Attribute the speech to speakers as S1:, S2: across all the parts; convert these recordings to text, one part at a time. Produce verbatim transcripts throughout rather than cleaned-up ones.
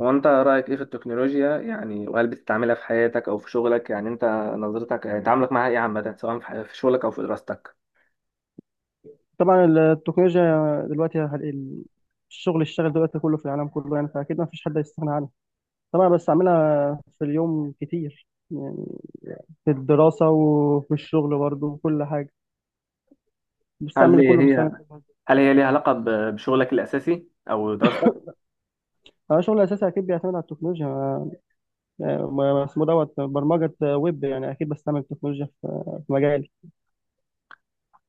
S1: هو انت رايك ايه في التكنولوجيا، يعني وهل بتستعملها في حياتك او في شغلك؟ يعني انت نظرتك، يعني تعاملك معاها ايه عامه، سواء في في شغلك او في دراستك؟
S2: طبعا التكنولوجيا دلوقتي، هل- الشغل اشتغل دلوقتي كله في العالم كله، يعني فاكيد ما فيش حد هيستغنى عنها. طبعا، بس اعملها في اليوم كتير، يعني في الدراسه وفي الشغل برضه وكل حاجه.
S1: هل
S2: بستعمل كله
S1: هي
S2: بستعمل كل حاجه.
S1: هل هي ليها علاقه ب- بشغلك الاساسي او دراستك؟
S2: انا شغل اساسي اكيد بيعتمد على التكنولوجيا. ما- ما- اسمه دوت برمجه ويب، يعني اكيد بستعمل التكنولوجيا في في مجالي.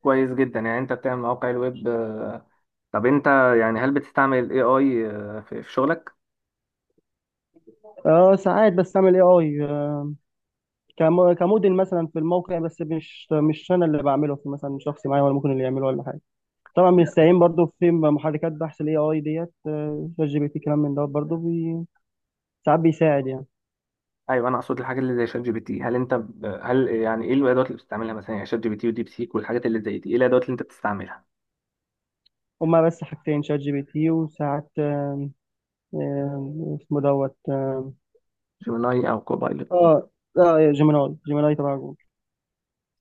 S1: كويس جدا. يعني انت بتعمل مواقع الويب؟ آه، طب انت، يعني هل بتستعمل الاي اي في في شغلك؟
S2: اه، ساعات بستعمل اي اي كموديل مثلا في الموقع، بس مش مش انا اللي بعمله، في مثلا شخص معايا ولا ممكن اللي يعمله ولا حاجه. طبعا بنستعين برضو في محركات بحث الاي اي، ديت آه، شات جي بي تي، كلام من ده برضو، بي... ساعات بيساعد يعني.
S1: ايوه، انا اقصد الحاجات اللي زي شات جي بي تي. هل انت ب... هل، يعني ايه الادوات اللي بتستعملها مثلا؟ يعني شات جي بي تي وديب سيك والحاجات اللي زي دي، ايه الادوات اللي انت بتستعملها؟
S2: هما بس حاجتين، شات جي بي تي، وساعات آه، اسمه دوت اه
S1: جيميناي او كوبايلوت؟
S2: اه آه، جيميناي جيميناي تبع جوجل.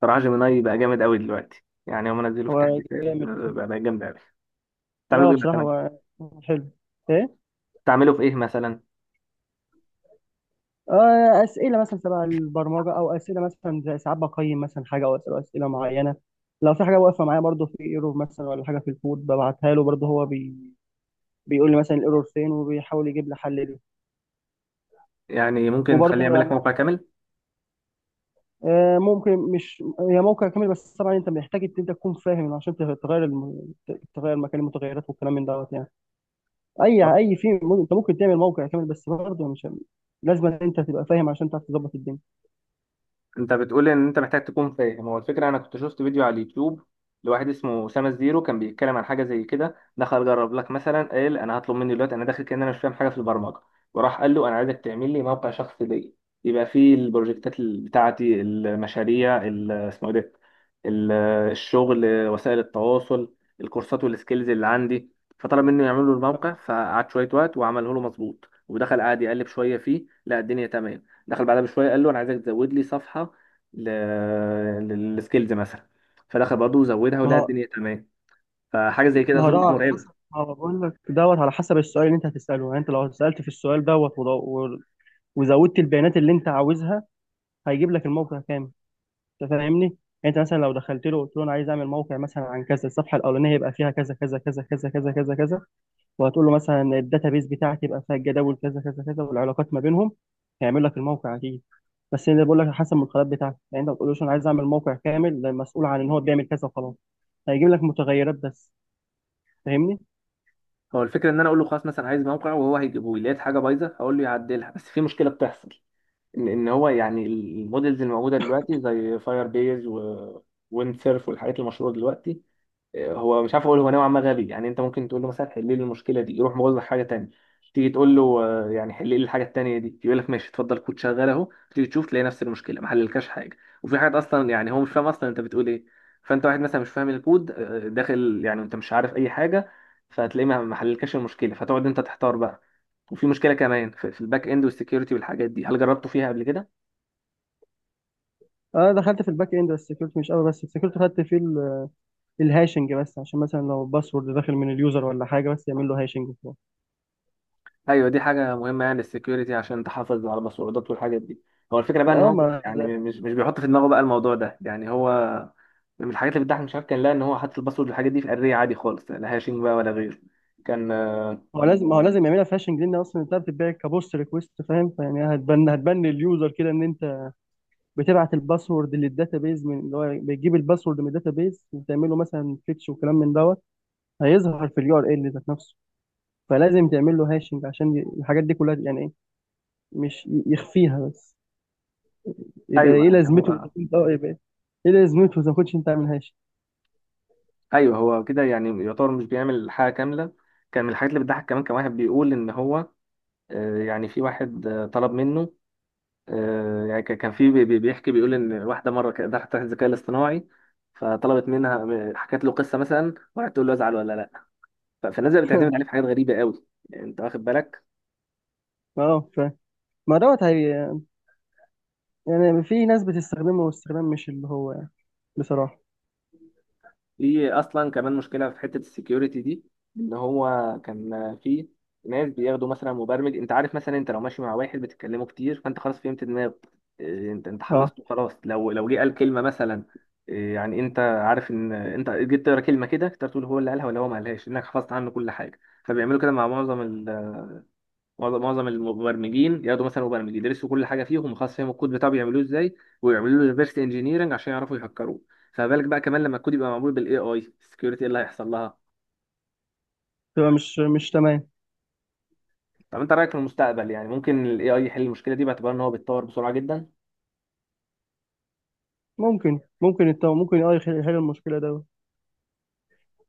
S1: صراحة جيميناي بقى جامد قوي دلوقتي، يعني هم نزلوا في
S2: هو
S1: تحديثات. آه،
S2: جامد.
S1: بقى بقى جامد قوي.
S2: لا،
S1: تعملوا
S2: هو
S1: ايه
S2: بصراحة،
S1: مثلا؟
S2: هو حلو. ايه.
S1: تعمله في ايه مثلا؟
S2: آه، اسئله مثلا تبع البرمجه، او اسئله مثلا زي ساعات بقيم مثلا حاجه، او اسئله اسئله معينه. لو في حاجه واقفه معايا برضو، في ايرور مثلا ولا حاجه في الكود، ببعتها له برضو. هو بي... بيقول لي مثلا الايرور فين وبيحاول يجيب لي حل.
S1: يعني ممكن تخليه
S2: وبرضه
S1: يعمل لك
S2: يعني
S1: موقع كامل؟
S2: آه، ممكن، مش هي موقع كامل بس، طبعا انت محتاج ان انت تكون فاهم عشان تغ- تغير الم... ت- تغير مكان المتغيرات والكلام من دوت يعني. اي اي في م- انت ممكن تعمل موقع كامل، بس برضه مش لازم ان انت تبقى فاهم عشان تعرف تظبط الدنيا.
S1: انت بتقول ان انت محتاج تكون فاهم. هو الفكره، انا كنت شفت فيديو على اليوتيوب لواحد اسمه اسامه الزيرو، كان بيتكلم عن حاجه زي كده. دخل جرب لك مثلا، قال انا هطلب مني دلوقتي، انا داخل كان انا مش فاهم حاجه في البرمجه، وراح قال له انا عايزك تعمل لي موقع شخصي ليا، يبقى فيه البروجكتات ال- بتاعتي، المشاريع ال- اسمه ايه ده، ال- الشغل، وسائل التواصل، الكورسات والسكيلز اللي عندي. فطلب منه يعمل له الموقع، فقعد شويه وقت وعمله له مظبوط. ودخل قعد يقلب شويه فيه، لا، الدنيا تمام. دخل بعدها بشويه قال له انا عايزك تزود لي صفحه للسكيلز مثلا، فدخل برضه زودها،
S2: ما
S1: ولقى
S2: هو
S1: الدنيا تمام. فحاجه زي كده
S2: ما هو
S1: اظن
S2: ده
S1: إنها
S2: على حسب،
S1: مرعبه.
S2: ما هو بقول لك دوت على حسب السؤال اللي انت هتساله، يعني انت لو سالت في السؤال دوت وض- و- وزودت البيانات اللي انت عاوزها، هيجيب لك الموقع كامل. انت فاهمني؟ انت مثلا لو دخلت له قلت له انا عايز اعمل موقع مثلا عن كذا، الصفحه الاولانيه يبقى فيها كذا كذا كذا كذا كذا كذا كذا، وهتقول له مثلا الداتابيس بتاعتي يبقى فيها الجداول كذا كذا كذا، والعلاقات ما بينهم، هيعمل لك الموقع اكيد. بس انا بقول لك على حسب المدخلات بتاعتك، يعني انت ما بتقولوش انا عايز اعمل موقع كامل ده مسؤول عن ان هو بيعمل كذا وخلاص، هيجيب لك متغيرات بس. فاهمني؟
S1: هو الفكره ان انا اقول له خلاص مثلا عايز موقع، وهو هيجيبه لي، لقيت حاجه بايظه هقول له يعدلها. بس في مشكله بتحصل، ان ان هو، يعني المودلز الموجوده دلوقتي زي فاير بيز و ويند سيرف والحاجات المشهوره دلوقتي، هو مش عارف. اقول هو نوعا ما غبي، يعني انت ممكن تقول له مثلا حل لي المشكله دي، يروح مغلق حاجه تانية. تيجي تقول له، آه، يعني حل لي الحاجه التانية دي، يقول لك ماشي اتفضل كود شغال اهو. تيجي تشوف، تلاقي نفس المشكله ما حللكش حاجه. وفي حاجات اصلا يعني هو مش فاهم اصلا انت بتقول ايه. فانت واحد مثلا مش فاهم الكود، آه، داخل، يعني انت مش عارف اي حاجه، فهتلاقيه ما ما حللكش المشكله، فتقعد انت تحتار بقى. وفي مشكله كمان في في الباك اند والسكيورتي والحاجات دي. هل جربته فيها قبل كده؟
S2: انا دخلت في الباك اند بس السكيورتي مش قوي، بس السكيورتي خدت فيه ال- الهاشنج بس، عشان مثلا لو باسورد داخل من اليوزر ولا حاجه، بس يعمل له هاشنج وخلاص.
S1: ايوه، دي حاجه مهمه، يعني السكيورتي عشان تحافظ على المسروقات والحاجات دي. هو الفكره بقى ان
S2: اه،
S1: هو،
S2: ما
S1: يعني مش مش بيحط في دماغه بقى الموضوع ده. يعني هو من الحاجات اللي بتضحك، مش عارف، كان لا ان هو حاطط الباسورد والحاجات دي في اريه عادي خالص، لا هاشing بقى ولا غيره. كان آه،
S2: هو لازم ما هو لازم يعملها فاشنج، لان اصلا انت بتتباع كبوست ريكوست، فاهم؟ فيعني هتبان هتبان لليوزر كده ان انت بتبعت الباسورد للداتابيز، من اللي هو بتجيب الباسورد من الداتابيز وتعمله مثلا فيتش وكلام من دوت هيظهر في اليو ار ال ذات نفسه. فلازم تعمل له هاشنج عشان ي- الحاجات دي كلها، يعني ايه، مش ي- يخفيها بس. يبقى
S1: ايوه،
S2: ايه
S1: يعني
S2: لازمته إذا
S1: هو.
S2: كنت- اه يبقى ايه لازمته اذا كنتش انت عامل هاشنج؟
S1: ايوه، هو كده يعني يعتبر مش بيعمل حاجه كامله. كان من الحاجات اللي بتضحك كمان، كان واحد بيقول ان هو، آه، يعني في واحد، آه، طلب منه، آه، يعني كان كان في بي- بي- بيحكي، بيقول ان واحده مره كانت دخلت تحت الذكاء الاصطناعي، فطلبت منها، م- حكت له قصه مثلا وقعدت تقول له ازعل ولا لا. ف- فالناس بقت بتعتمد عليه في حاجات غريبه قوي. يعني انت واخد بالك؟
S2: اه ف ما دوت هي، يعني في ناس بتستخدمه استخدام مش اللي هو، يعني بصراحه.
S1: في اصلا كمان مشكله في حته السكيورتي دي، ان هو كان في ناس بياخدوا مثلا مبرمج. انت عارف مثلا انت لو ماشي مع واحد بتتكلموا كتير، فانت خلاص فهمت دماغه. إيه، انت انت
S2: اه،
S1: حفظته خلاص، لو لو جه قال كلمه مثلا، إيه، يعني انت عارف ان انت جيت تقرا كلمه كده تقدر تقول هو اللي قالها ولا هو ما قالهاش، انك حفظت عنه كل حاجه. فبيعملوا كده مع معظم معظم معظم المبرمجين. ياخدوا مثلا مبرمج، يدرسوا كل حاجه فيهم، وخلاص فاهم الكود بتاعه بيعملوه ازاي، ويعملوا له ريفرس انجينيرنج عشان يعرفوا يهكروه. فما بالك بقى كمان لما الكود يبقى معمول بالاي اي، السكيورتي ايه اللي هيحصل لها؟
S2: تبقى مش مش تمام.
S1: طب انت رايك في المستقبل، يعني ممكن الاي اي يحل المشكله دي، باعتبار ان هو بيتطور بسرعه جدا؟
S2: ممكن ممكن الت... ممكن اه يحل يحل المشكله ده.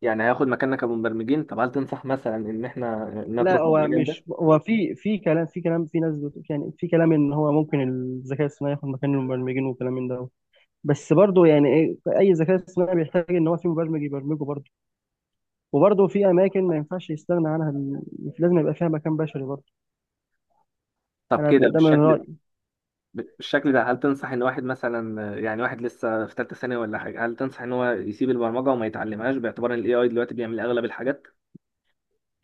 S1: يعني هياخد مكاننا كمبرمجين؟ طب هل تنصح مثلا ان احنا
S2: لا،
S1: نترك بقى
S2: هو
S1: المجال
S2: مش
S1: ده؟
S2: هو، في في كلام، في كلام، في ناس بت... يعني، في كلام ان هو ممكن الذكاء الصناعي ياخد مكان المبرمجين وكلام من ده. بس برضه يعني ايه، اي ذكاء اصطناعي بيحتاج ان هو في مبرمج يبرمجه برضه. وبرضه في اماكن ما ينفعش يستغنى عنها ال- لازم يبقى فيها مكان بشري برضه.
S1: طب
S2: انا
S1: كده
S2: ب... ده من
S1: بالشكل
S2: رايي.
S1: بالشكل ده هل تنصح ان واحد مثلا، يعني واحد لسه في ثالثه ثانوي ولا حاجه، هل تنصح ان هو يسيب البرمجه وما يتعلمهاش، باعتبار ان الاي اي دلوقتي بيعمل اغلب الحاجات؟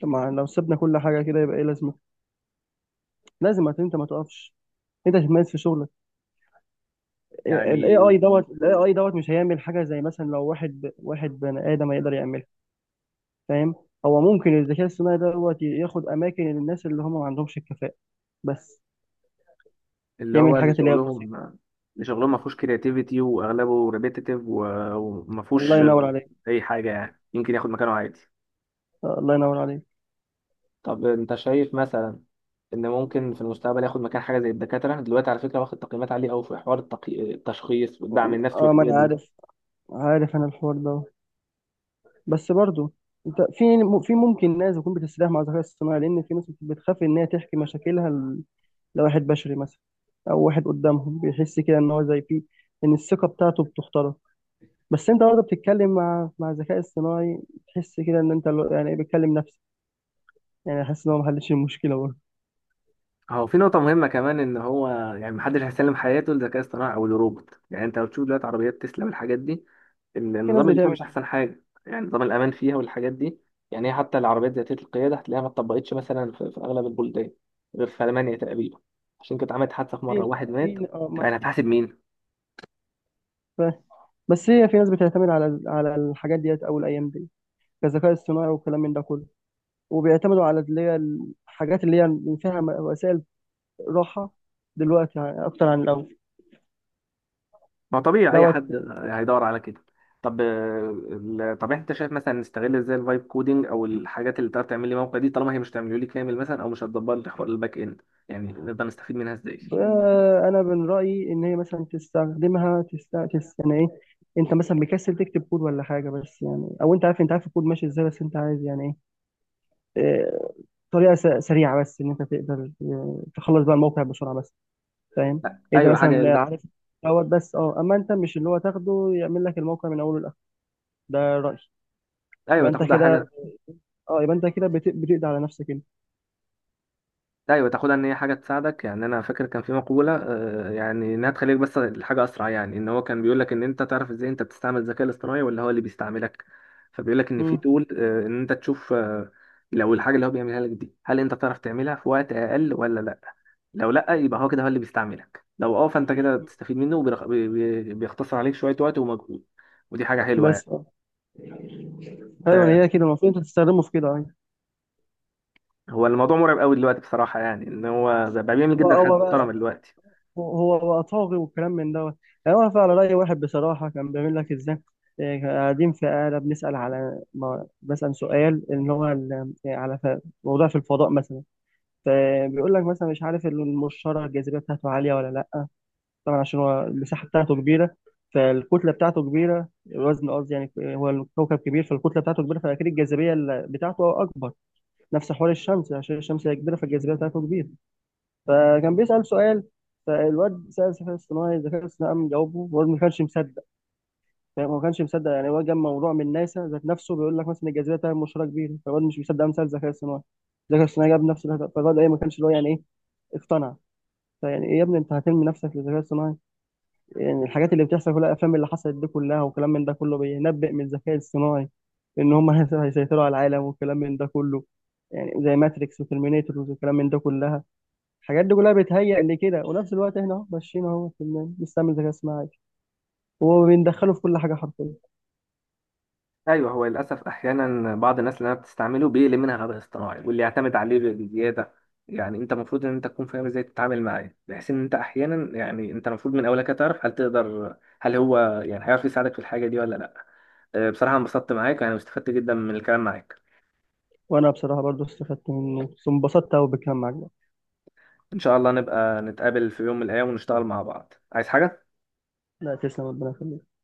S2: طبعا لو سيبنا كل حاجه كده يبقى ايه لازمه. لازم هت- انت ما تقفش، انت تتميز في شغلك. الاي
S1: يعني
S2: اي دوت الاي اي دوت مش هيعمل حاجه، زي مثلا لو واحد واحد بني ادم هيقدر يعملها، فاهم؟ هو ممكن الذكاء الصناعي دوت ياخد اماكن الناس اللي هم ما عندهمش الكفاءه، بس
S1: اللي
S2: يعمل
S1: هو، اللي
S2: الحاجات اللي هي البسيطه.
S1: شغلهم اللي شغلهم ما فيهوش كرياتيفيتي واغلبه ريبيتيتيف وما
S2: الله
S1: فيهوش
S2: ينور عليك.
S1: اي حاجه، يعني يمكن ياخد مكانه عادي.
S2: آه، الله ينور عليك.
S1: طب انت شايف مثلا ان ممكن في المستقبل ياخد مكان حاجه زي الدكاتره؟ دلوقتي على فكره واخد تقييمات عاليه قوي في حوار التقي... التشخيص والدعم النفسي
S2: اه، ما
S1: والحاجات
S2: انا
S1: دي.
S2: عارف، عارف انا الحوار ده، بس برضو انت في في ممكن ناس تكون بتستريح مع الذكاء الصناعي، لان في ناس بتخاف ان هي تحكي مشاكلها ل- لواحد بشري مثلا، او واحد قدامهم بيحس كده ان هو زي فيه ان الثقه بتاعته بتخترق. بس انت برضه بتتكلم مع مع الذكاء الصناعي، تحس كده ان انت لو- يعني بتكلم نفسك، يعني حاسس ان هو ما حلش المشكله.
S1: هو في نقطة مهمة كمان إن هو، يعني محدش هيسلم حياته للذكاء الاصطناعي أو للروبوت، يعني أنت لو تشوف دلوقتي عربيات تسلا والحاجات دي،
S2: في ناس
S1: النظام اللي فيها
S2: بتعمل
S1: مش
S2: كده.
S1: احسن حاجه، يعني نظام الامان فيها والحاجات دي. يعني هي حتى العربيات ذاتيه القياده هتلاقيها ما اتطبقتش مثلا في, في اغلب البلدان غير في المانيا تقريبا، عشان كانت عملت حادثه في مره
S2: في
S1: واحد مات.
S2: في اه ما
S1: فانا
S2: أنا
S1: هتحاسب مين؟
S2: فاهم. بس هي في ناس بتعتمد على على الحاجات ديت او الايام دي كذكاء اصطناعي والكلام من ده كله، وبيعتمدوا على اللي هي الحاجات اللي هي اللي فيها م- وسائل راحه، دلوقتي يعني اكتر عن الاول.
S1: ما طبيعي اي
S2: دوت
S1: حد هيدور على كده. طب آه، ال- طب انت شايف مثلا نستغل ازاي الفايب كودينج او الحاجات اللي تقدر تعمل لي موقع دي، طالما هي مش تعمله لي كامل مثلا او مش هتدبر لي حوار الباك اند، يعني نقدر نستفيد منها ازاي؟
S2: آه، انا من رايي ان هي مثلا تستخدمها تست تست- يعني ايه، انت مثلا مكسل تكتب كود ولا حاجه، بس يعني، او انت عارف انت عارف الكود ماشي ازاي، بس انت عايز يعني ايه، آه، طريقه س- سريعه بس، ان انت تقدر آه، تخلص بقى الموقع بسرعه بس، فاهم؟
S1: لا،
S2: انت
S1: ايوه، حاجه يا
S2: مثلا
S1: دوبك.
S2: عارف دوت بس اه اما انت مش اللي هو تاخده يعمل لك الموقع من اوله لاخره، ده رايي.
S1: ايوه
S2: يبقى انت
S1: تاخدها
S2: كده،
S1: حاجه.
S2: اه يبقى انت كده بت- بتقضي على نفسك، انت.
S1: ايوه تاخدها ان هي حاجه تساعدك. يعني انا فاكر كان في مقوله، آه، يعني انها تخليك بس الحاجه اسرع. يعني ان هو كان بيقول لك ان انت تعرف ازاي انت بتستعمل الذكاء الاصطناعي ولا هو اللي بيستعملك. فبيقول لك ان في
S2: مم.
S1: تول، آه، ان انت تشوف، آه، لو الحاجه اللي هو بيعملها لك دي هل انت تعرف تعملها في وقت اقل ولا لا. لو لا، يبقى هو كده هو اللي بيستعملك. لو اه، فانت كده تستفيد منه، وبيرخ- بي- بي- بيختصر عليك شويه وقت ومجهود، ودي حاجه حلوه يعني.
S2: بس اه ايوه،
S1: فهو
S2: هي كده المفروض انت تستخدمه في كده، ايوه.
S1: الموضوع مرعب قوي دلوقتي بصراحه، يعني ان هو بقى بيعمل
S2: هو
S1: جدا حاجات
S2: هو بقى
S1: محترمه دلوقتي.
S2: هو هو بقى طاغي والكلام من دوت انا واقف على راي واحد بصراحه كان بيعمل لك ازاي. إيه، كنا قاعدين في قاعدة بنسأل، على ما بسأل سؤال إن هو ال- آه، على ف- موضوع في الفضاء مثلا، فبيقول لك مثلا مش عارف المشتري الجاذبية بتاعته عالية ولا لأ؟ طبعا عشان هو المساحة بتاعته كبيرة، فالكتلة بتاعته كبيرة، الوزن قصدي، يعني هو الكوكب كبير فالكتلة بتاعته كبيرة فأكيد الجاذبية ال- بتاعته أكبر. نفس حوار الشمس، عشان الشمس هي كبيرة فالجاذبية بتاعته كبيرة. فكان بيسأل سؤال. فالواد سأل الذكاء الاصطناعي، الذكاء الاصطناعي قام جاوبه، والواد ما كانش مصدق. فاهم؟ هو ما كانش مصدق، يعني هو جاب موضوع من ناسا ذات نفسه بيقول لك مثلا الجاذبية بتاعت المشتري كبيرة، فالواد مش مصدق قام سأل الذكاء الاصطناعي، الذكاء الاصطناعي جاب نفس الهدف، فالواد إيه، ما كانش اللي هو، يعني إيه، اقتنع. فيعني إيه يا ابني، أنت هترمي نفسك للذكاء الاصطناعي؟ يعني الحاجات اللي بتحصل في الافلام اللي حصلت دي كلها وكلام من ده كله بينبئ من الذكاء الصناعي ان هم هيسيطروا على العالم وكلام من ده كله، يعني زي ماتريكس وترمينيتور وكلام من ده كلها. الحاجات دي كلها بتهيأ لكده، ونفس الوقت احنا اهو ماشيين اهو في ال- بنستعمل ذكاء اصطناعي، وهو بندخله في كل حاجه حرفيا.
S1: ايوه، هو للاسف احيانا بعض الناس اللي انا بتستعمله بيقلل منها غباء اصطناعي واللي يعتمد عليه بزياده. يعني انت المفروض ان انت تكون فاهم ازاي تتعامل معاه، بحيث ان انت احيانا يعني انت المفروض من اولك تعرف هل تقدر، هل هو يعني هيعرف يساعدك في الحاجه دي ولا لا. أه، بصراحه انبسطت معاك، يعني واستفدت جدا من الكلام معاك.
S2: وانا بصراحه برضو استفدت منه، انبسطت قوي بالكلام معاك ده.
S1: ان شاء الله نبقى نتقابل في يوم من الايام ونشتغل مع بعض. عايز حاجه.
S2: لا، تسلم، ربنا يخليك.